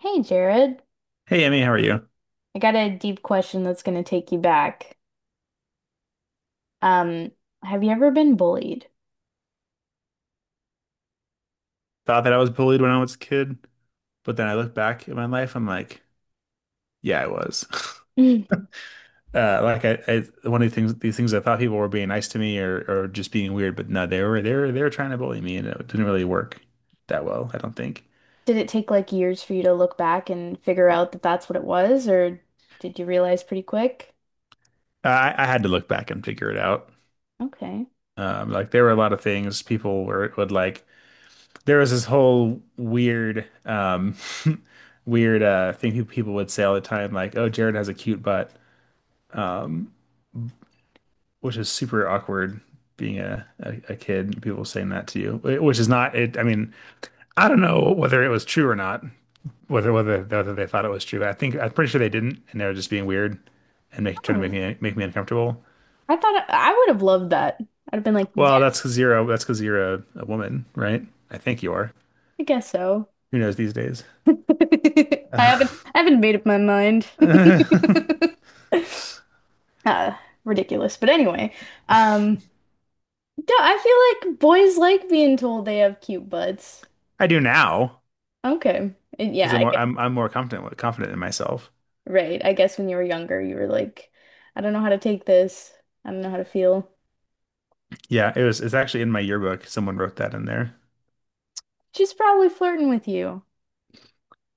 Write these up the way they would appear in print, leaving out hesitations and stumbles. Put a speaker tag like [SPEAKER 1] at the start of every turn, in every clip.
[SPEAKER 1] Hey Jared,
[SPEAKER 2] Hey, Emmy, how are you?
[SPEAKER 1] I got a deep question that's going to take you back. Um, have you ever been bullied?
[SPEAKER 2] Thought that I was bullied when I was a kid, but then I look back at my life, I'm like, yeah, I was.
[SPEAKER 1] Did
[SPEAKER 2] Like one of the things I thought people were being nice to me or just being weird, but no, they were trying to bully me, and it didn't really work that well, I don't think.
[SPEAKER 1] it take like years for you to look back and figure out that that's what it was, or did you realize pretty quick?
[SPEAKER 2] I had to look back and figure it out.
[SPEAKER 1] Okay.
[SPEAKER 2] Like there were a lot of things people were would like. There was this whole weird, weird thing people would say all the time, like, "Oh, Jared has a cute butt." Um, which is super awkward being a kid, people saying that to you. Which is not it. I mean, I don't know whether it was true or not, whether they thought it was true. But I think I'm pretty sure they didn't, and they were just being weird and trying to
[SPEAKER 1] Oh,
[SPEAKER 2] make me uncomfortable.
[SPEAKER 1] I thought I would have loved that. I'd have been like,
[SPEAKER 2] Well, that's
[SPEAKER 1] yes,
[SPEAKER 2] because that's because you're a woman, right? I think you are.
[SPEAKER 1] I guess so.
[SPEAKER 2] Who knows these days?
[SPEAKER 1] I haven't I haven't made up my mind.
[SPEAKER 2] I
[SPEAKER 1] Uh, ridiculous. But anyway, um, yeah, I feel like boys like being told they have cute butts.
[SPEAKER 2] do now
[SPEAKER 1] Okay. And
[SPEAKER 2] because
[SPEAKER 1] yeah,
[SPEAKER 2] I'm
[SPEAKER 1] I
[SPEAKER 2] more
[SPEAKER 1] get,
[SPEAKER 2] I'm more confident in myself.
[SPEAKER 1] right. I guess when you were younger, you were like, I don't know how to take this. I don't know how to feel.
[SPEAKER 2] Yeah, it was it's actually in my yearbook. Someone wrote that in there.
[SPEAKER 1] She's probably flirting with you.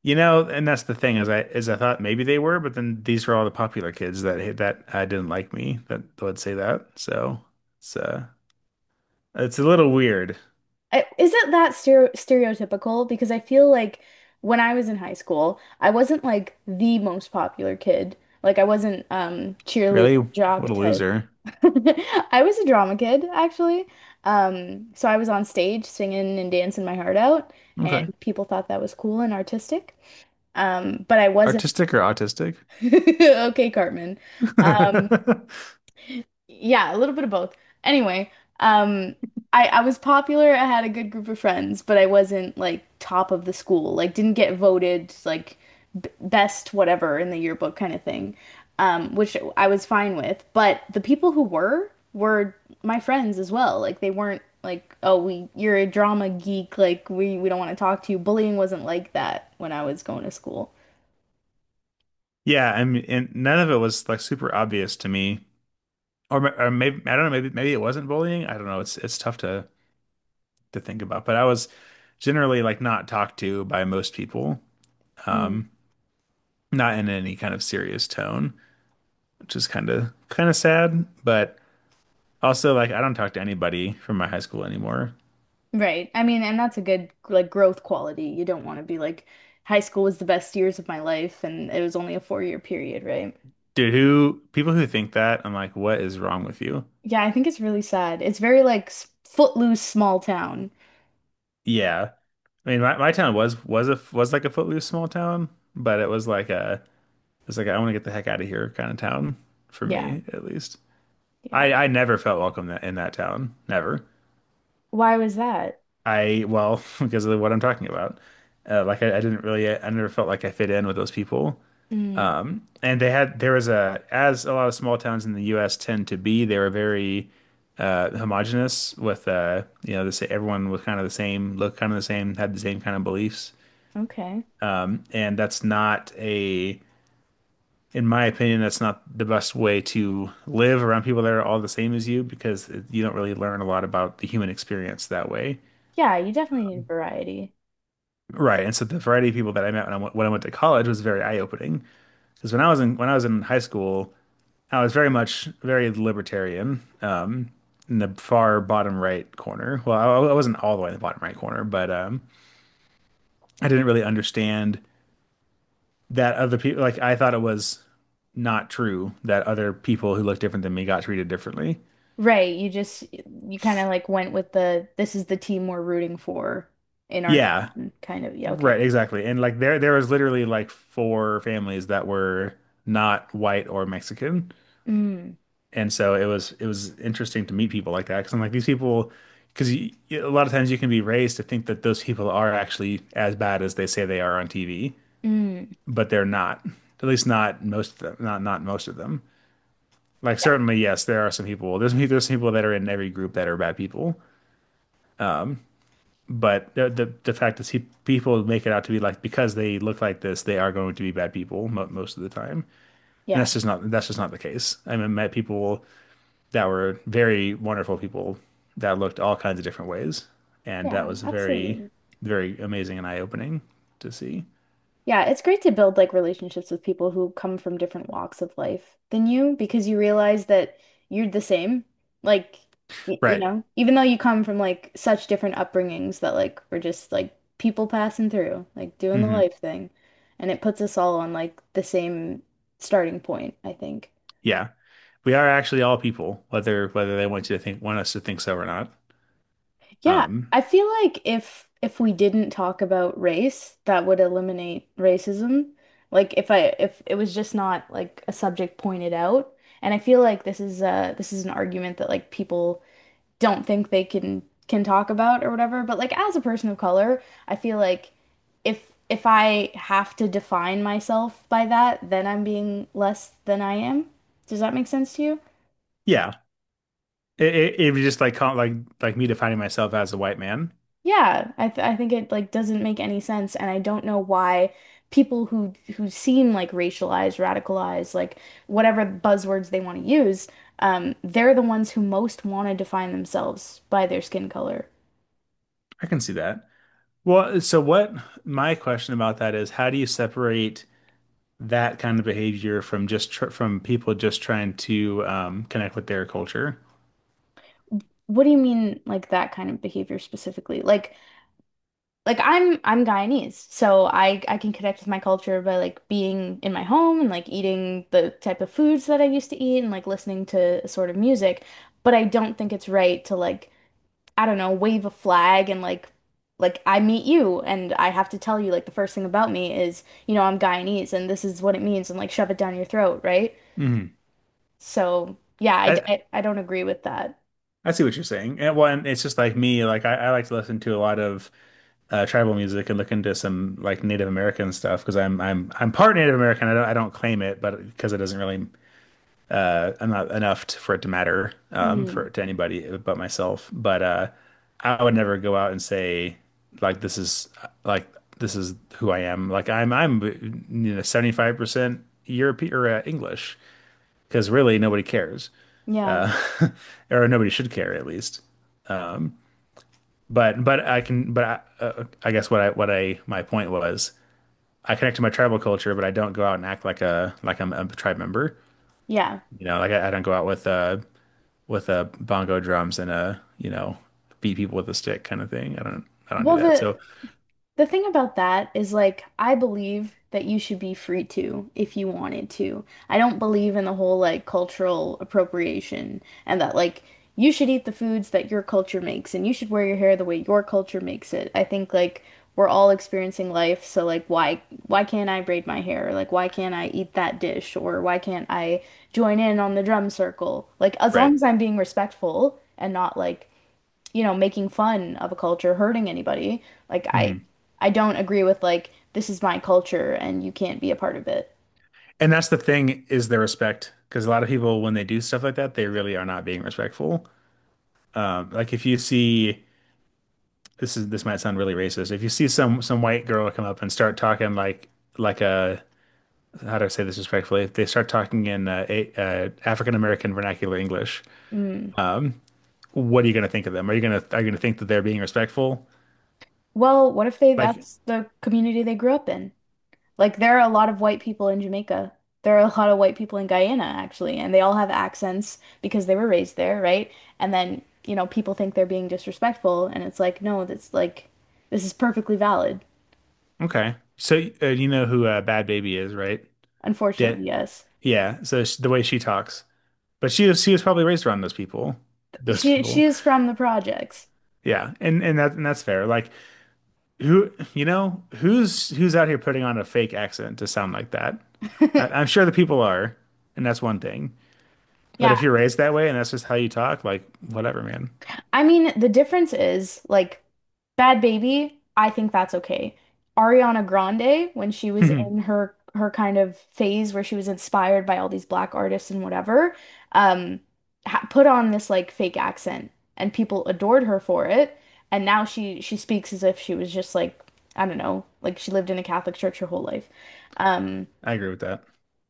[SPEAKER 2] You know, and that's the thing is I thought maybe they were, but then these were all the popular kids that didn't like me that would say that. So it's uh it's a little weird.
[SPEAKER 1] I, is it that stereotypical? Because I feel like when I was in high school, I wasn't like the most popular kid. Like I wasn't cheerleader
[SPEAKER 2] Really?
[SPEAKER 1] jock
[SPEAKER 2] What a
[SPEAKER 1] type.
[SPEAKER 2] loser.
[SPEAKER 1] I was a drama kid actually. So I was on stage singing and dancing my heart out, and
[SPEAKER 2] Okay.
[SPEAKER 1] people thought that was cool and artistic. But I wasn't
[SPEAKER 2] Artistic or autistic?
[SPEAKER 1] Okay, Cartman. Um, yeah, a little bit of both. Anyway, um, I was popular. I had a good group of friends, but I wasn't like top of the school. Like, didn't get voted like b best whatever in the yearbook kind of thing, which I was fine with. But the people who were my friends as well. Like, they weren't like, oh, we you're a drama geek. Like, we don't want to talk to you. Bullying wasn't like that when I was going to school.
[SPEAKER 2] Yeah, I mean, and none of it was like super obvious to me, or maybe I don't know, maybe it wasn't bullying. I don't know. It's tough to think about, but I was generally like not talked to by most people, not in any kind of serious tone, which is kind of sad. But also, like, I don't talk to anybody from my high school anymore,
[SPEAKER 1] Right. I mean, and that's a good like growth quality. You don't want to be like high school was the best years of my life and it was only a 4 year period, right?
[SPEAKER 2] dude. Who People who think that, I'm like, what is wrong with you?
[SPEAKER 1] Yeah, I think it's really sad. It's very like footloose small town.
[SPEAKER 2] Yeah, I mean, my town was a was like a footloose small town, but it was like a it's like I want to get the heck out of here kind of town for
[SPEAKER 1] Yeah.
[SPEAKER 2] me at least.
[SPEAKER 1] Yeah.
[SPEAKER 2] I never felt welcome in that town, never.
[SPEAKER 1] Why was that?
[SPEAKER 2] I well because of what I'm talking about. Like I, didn't really I never felt like I fit in with those people.
[SPEAKER 1] Mm,
[SPEAKER 2] And they had there was a, as a lot of small towns in the U.S. tend to be, they were very homogenous with you know, the, everyone was kind of the same, looked kind of the same, had the same kind of beliefs,
[SPEAKER 1] okay.
[SPEAKER 2] and that's not a, in my opinion, that's not the best way to live around people that are all the same as you because you don't really learn a lot about the human experience that way.
[SPEAKER 1] Yeah, you definitely need variety.
[SPEAKER 2] Right, and so the variety of people that I met when when I went to college was very eye opening because when I was in when I was in high school, I was very much very libertarian, in the far bottom right corner. Well, I wasn't all the way in the bottom right corner, but I didn't really understand that other people. Like I thought it was not true that other people who looked different than me got treated differently.
[SPEAKER 1] Right. You just you kind of like went with the this is the team we're rooting for in our
[SPEAKER 2] Yeah,
[SPEAKER 1] town kind of. Yeah, okay.
[SPEAKER 2] right, exactly. And like there was literally like four families that were not white or Mexican,
[SPEAKER 1] Mm,
[SPEAKER 2] and so it was interesting to meet people like that because I'm like these people. Because a lot of times you can be raised to think that those people are actually as bad as they say they are on TV,
[SPEAKER 1] mm.
[SPEAKER 2] but they're not. At least not most of them. Not most of them. Like
[SPEAKER 1] Yeah.
[SPEAKER 2] certainly, yes, there are some people. There's some people that are in every group that are bad people. But the fact is, people make it out to be like because they look like this, they are going to be bad people most of the time, and
[SPEAKER 1] Yeah.
[SPEAKER 2] that's just not the case. I mean, I met people that were very wonderful people that looked all kinds of different ways, and that
[SPEAKER 1] Yeah,
[SPEAKER 2] was very
[SPEAKER 1] absolutely.
[SPEAKER 2] very amazing and eye opening to see.
[SPEAKER 1] Yeah, it's great to build like relationships with people who come from different walks of life than you because you realize that you're the same. Like, y you
[SPEAKER 2] Right.
[SPEAKER 1] know, even though you come from like such different upbringings that like we're just like people passing through, like doing the
[SPEAKER 2] Hmm.
[SPEAKER 1] life thing. And it puts us all on like the same starting point, I think.
[SPEAKER 2] Yeah. We are actually all people, whether whether they want you to think, want us to think so or not.
[SPEAKER 1] Yeah,
[SPEAKER 2] Um,
[SPEAKER 1] I feel like if we didn't talk about race, that would eliminate racism. Like if it was just not like a subject pointed out, and I feel like this is an argument that like people don't think they can talk about or whatever, but like as a person of color, I feel like if I have to define myself by that, then I'm being less than I am. Does that make sense to you?
[SPEAKER 2] yeah, it was just like like me defining myself as a white man.
[SPEAKER 1] Yeah, I think it like doesn't make any sense, and I don't know why people who seem like racialized, radicalized, like whatever buzzwords they want to use, they're the ones who most want to define themselves by their skin color.
[SPEAKER 2] I can see that. Well, so what my question about that is, how do you separate that kind of behavior from just tr from people just trying to connect with their culture?
[SPEAKER 1] What do you mean, like that kind of behavior specifically? Like I'm Guyanese, so I can connect with my culture by like being in my home and like eating the type of foods that I used to eat and like listening to a sort of music, but I don't think it's right to like I don't know, wave a flag and like I meet you and I have to tell you like the first thing about me is, you know, I'm Guyanese and this is what it means and like shove it down your throat, right?
[SPEAKER 2] Mhm.
[SPEAKER 1] So, yeah, I d-
[SPEAKER 2] I
[SPEAKER 1] I, I don't agree with that.
[SPEAKER 2] I see what you're saying. And well, and it's just like me. I like to listen to a lot of tribal music and look into some like Native American stuff because I'm part Native American. I don't claim it, but because it doesn't really I'm not enough t for it to matter for
[SPEAKER 1] Mhm.
[SPEAKER 2] to anybody but myself. But I would never go out and say like this is like this is who I am. Like I'm you know 75% European or English because really nobody cares
[SPEAKER 1] Yeah.
[SPEAKER 2] or nobody should care at least. But I can but I guess what I my point was I connect to my tribal culture, but I don't go out and act like a like I'm a tribe member.
[SPEAKER 1] Yeah.
[SPEAKER 2] You know, like I don't go out with bongo drums and you know, beat people with a stick kind of thing. I don't do
[SPEAKER 1] Well,
[SPEAKER 2] that. So
[SPEAKER 1] the The thing about that is like I believe that you should be free to if you wanted to. I don't believe in the whole like cultural appropriation and that like you should eat the foods that your culture makes and you should wear your hair the way your culture makes it. I think like we're all experiencing life, so like why can't I braid my hair? Or, like why can't I eat that dish or why can't I join in on the drum circle? Like as long
[SPEAKER 2] right,
[SPEAKER 1] as I'm being respectful and not like you know, making fun of a culture, hurting anybody. Like I
[SPEAKER 2] hmm,
[SPEAKER 1] I don't agree with like this is my culture and you can't be a part of it.
[SPEAKER 2] and that's the thing is the respect because a lot of people when they do stuff like that, they really are not being respectful. Like if you see, this is this might sound really racist. If you see some white girl come up and start talking like a how do I say this respectfully? If they start talking in African American vernacular English,
[SPEAKER 1] Mm.
[SPEAKER 2] um, what are you going to think of them? Are you going to are you going to think that they're being respectful?
[SPEAKER 1] Well, what if they
[SPEAKER 2] Like,
[SPEAKER 1] that's the community they grew up in? Like there are a lot of white people in Jamaica. There are a lot of white people in Guyana actually, and they all have accents because they were raised there, right? And then, you know, people think they're being disrespectful and it's like, no, that's like this is perfectly valid.
[SPEAKER 2] okay, so you know who Bad Baby is, right? That
[SPEAKER 1] Unfortunately, yes.
[SPEAKER 2] yeah. So sh the way she talks, but she was probably raised around those people. Those
[SPEAKER 1] She
[SPEAKER 2] people,
[SPEAKER 1] is from the projects.
[SPEAKER 2] yeah, and that and that's fair. Like who you know who's who's out here putting on a fake accent to sound like that? I, I'm sure the people are, and that's one thing. But
[SPEAKER 1] Yeah,
[SPEAKER 2] if you're raised that way and that's just how you talk, like whatever, man.
[SPEAKER 1] I mean, the difference is like Bad Baby, I think that's okay. Ariana Grande, when she was in her kind of phase where she was inspired by all these black artists and whatever, um, ha put on this like fake accent and people adored her for it. And now she speaks as if she was just like, I don't know, like she lived in a Catholic church her whole life. Um,
[SPEAKER 2] I agree with that.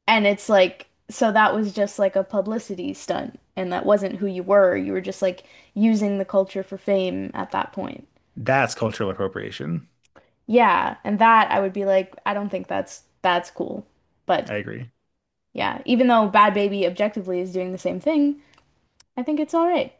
[SPEAKER 1] and it's like, so that was just like a publicity stunt, and that wasn't who you were. You were just like using the culture for fame at that point.
[SPEAKER 2] That's cultural appropriation.
[SPEAKER 1] Yeah, and that I would be like, I don't think that's cool. But
[SPEAKER 2] I agree.
[SPEAKER 1] yeah, even though Bad Baby objectively is doing the same thing, I think it's all right.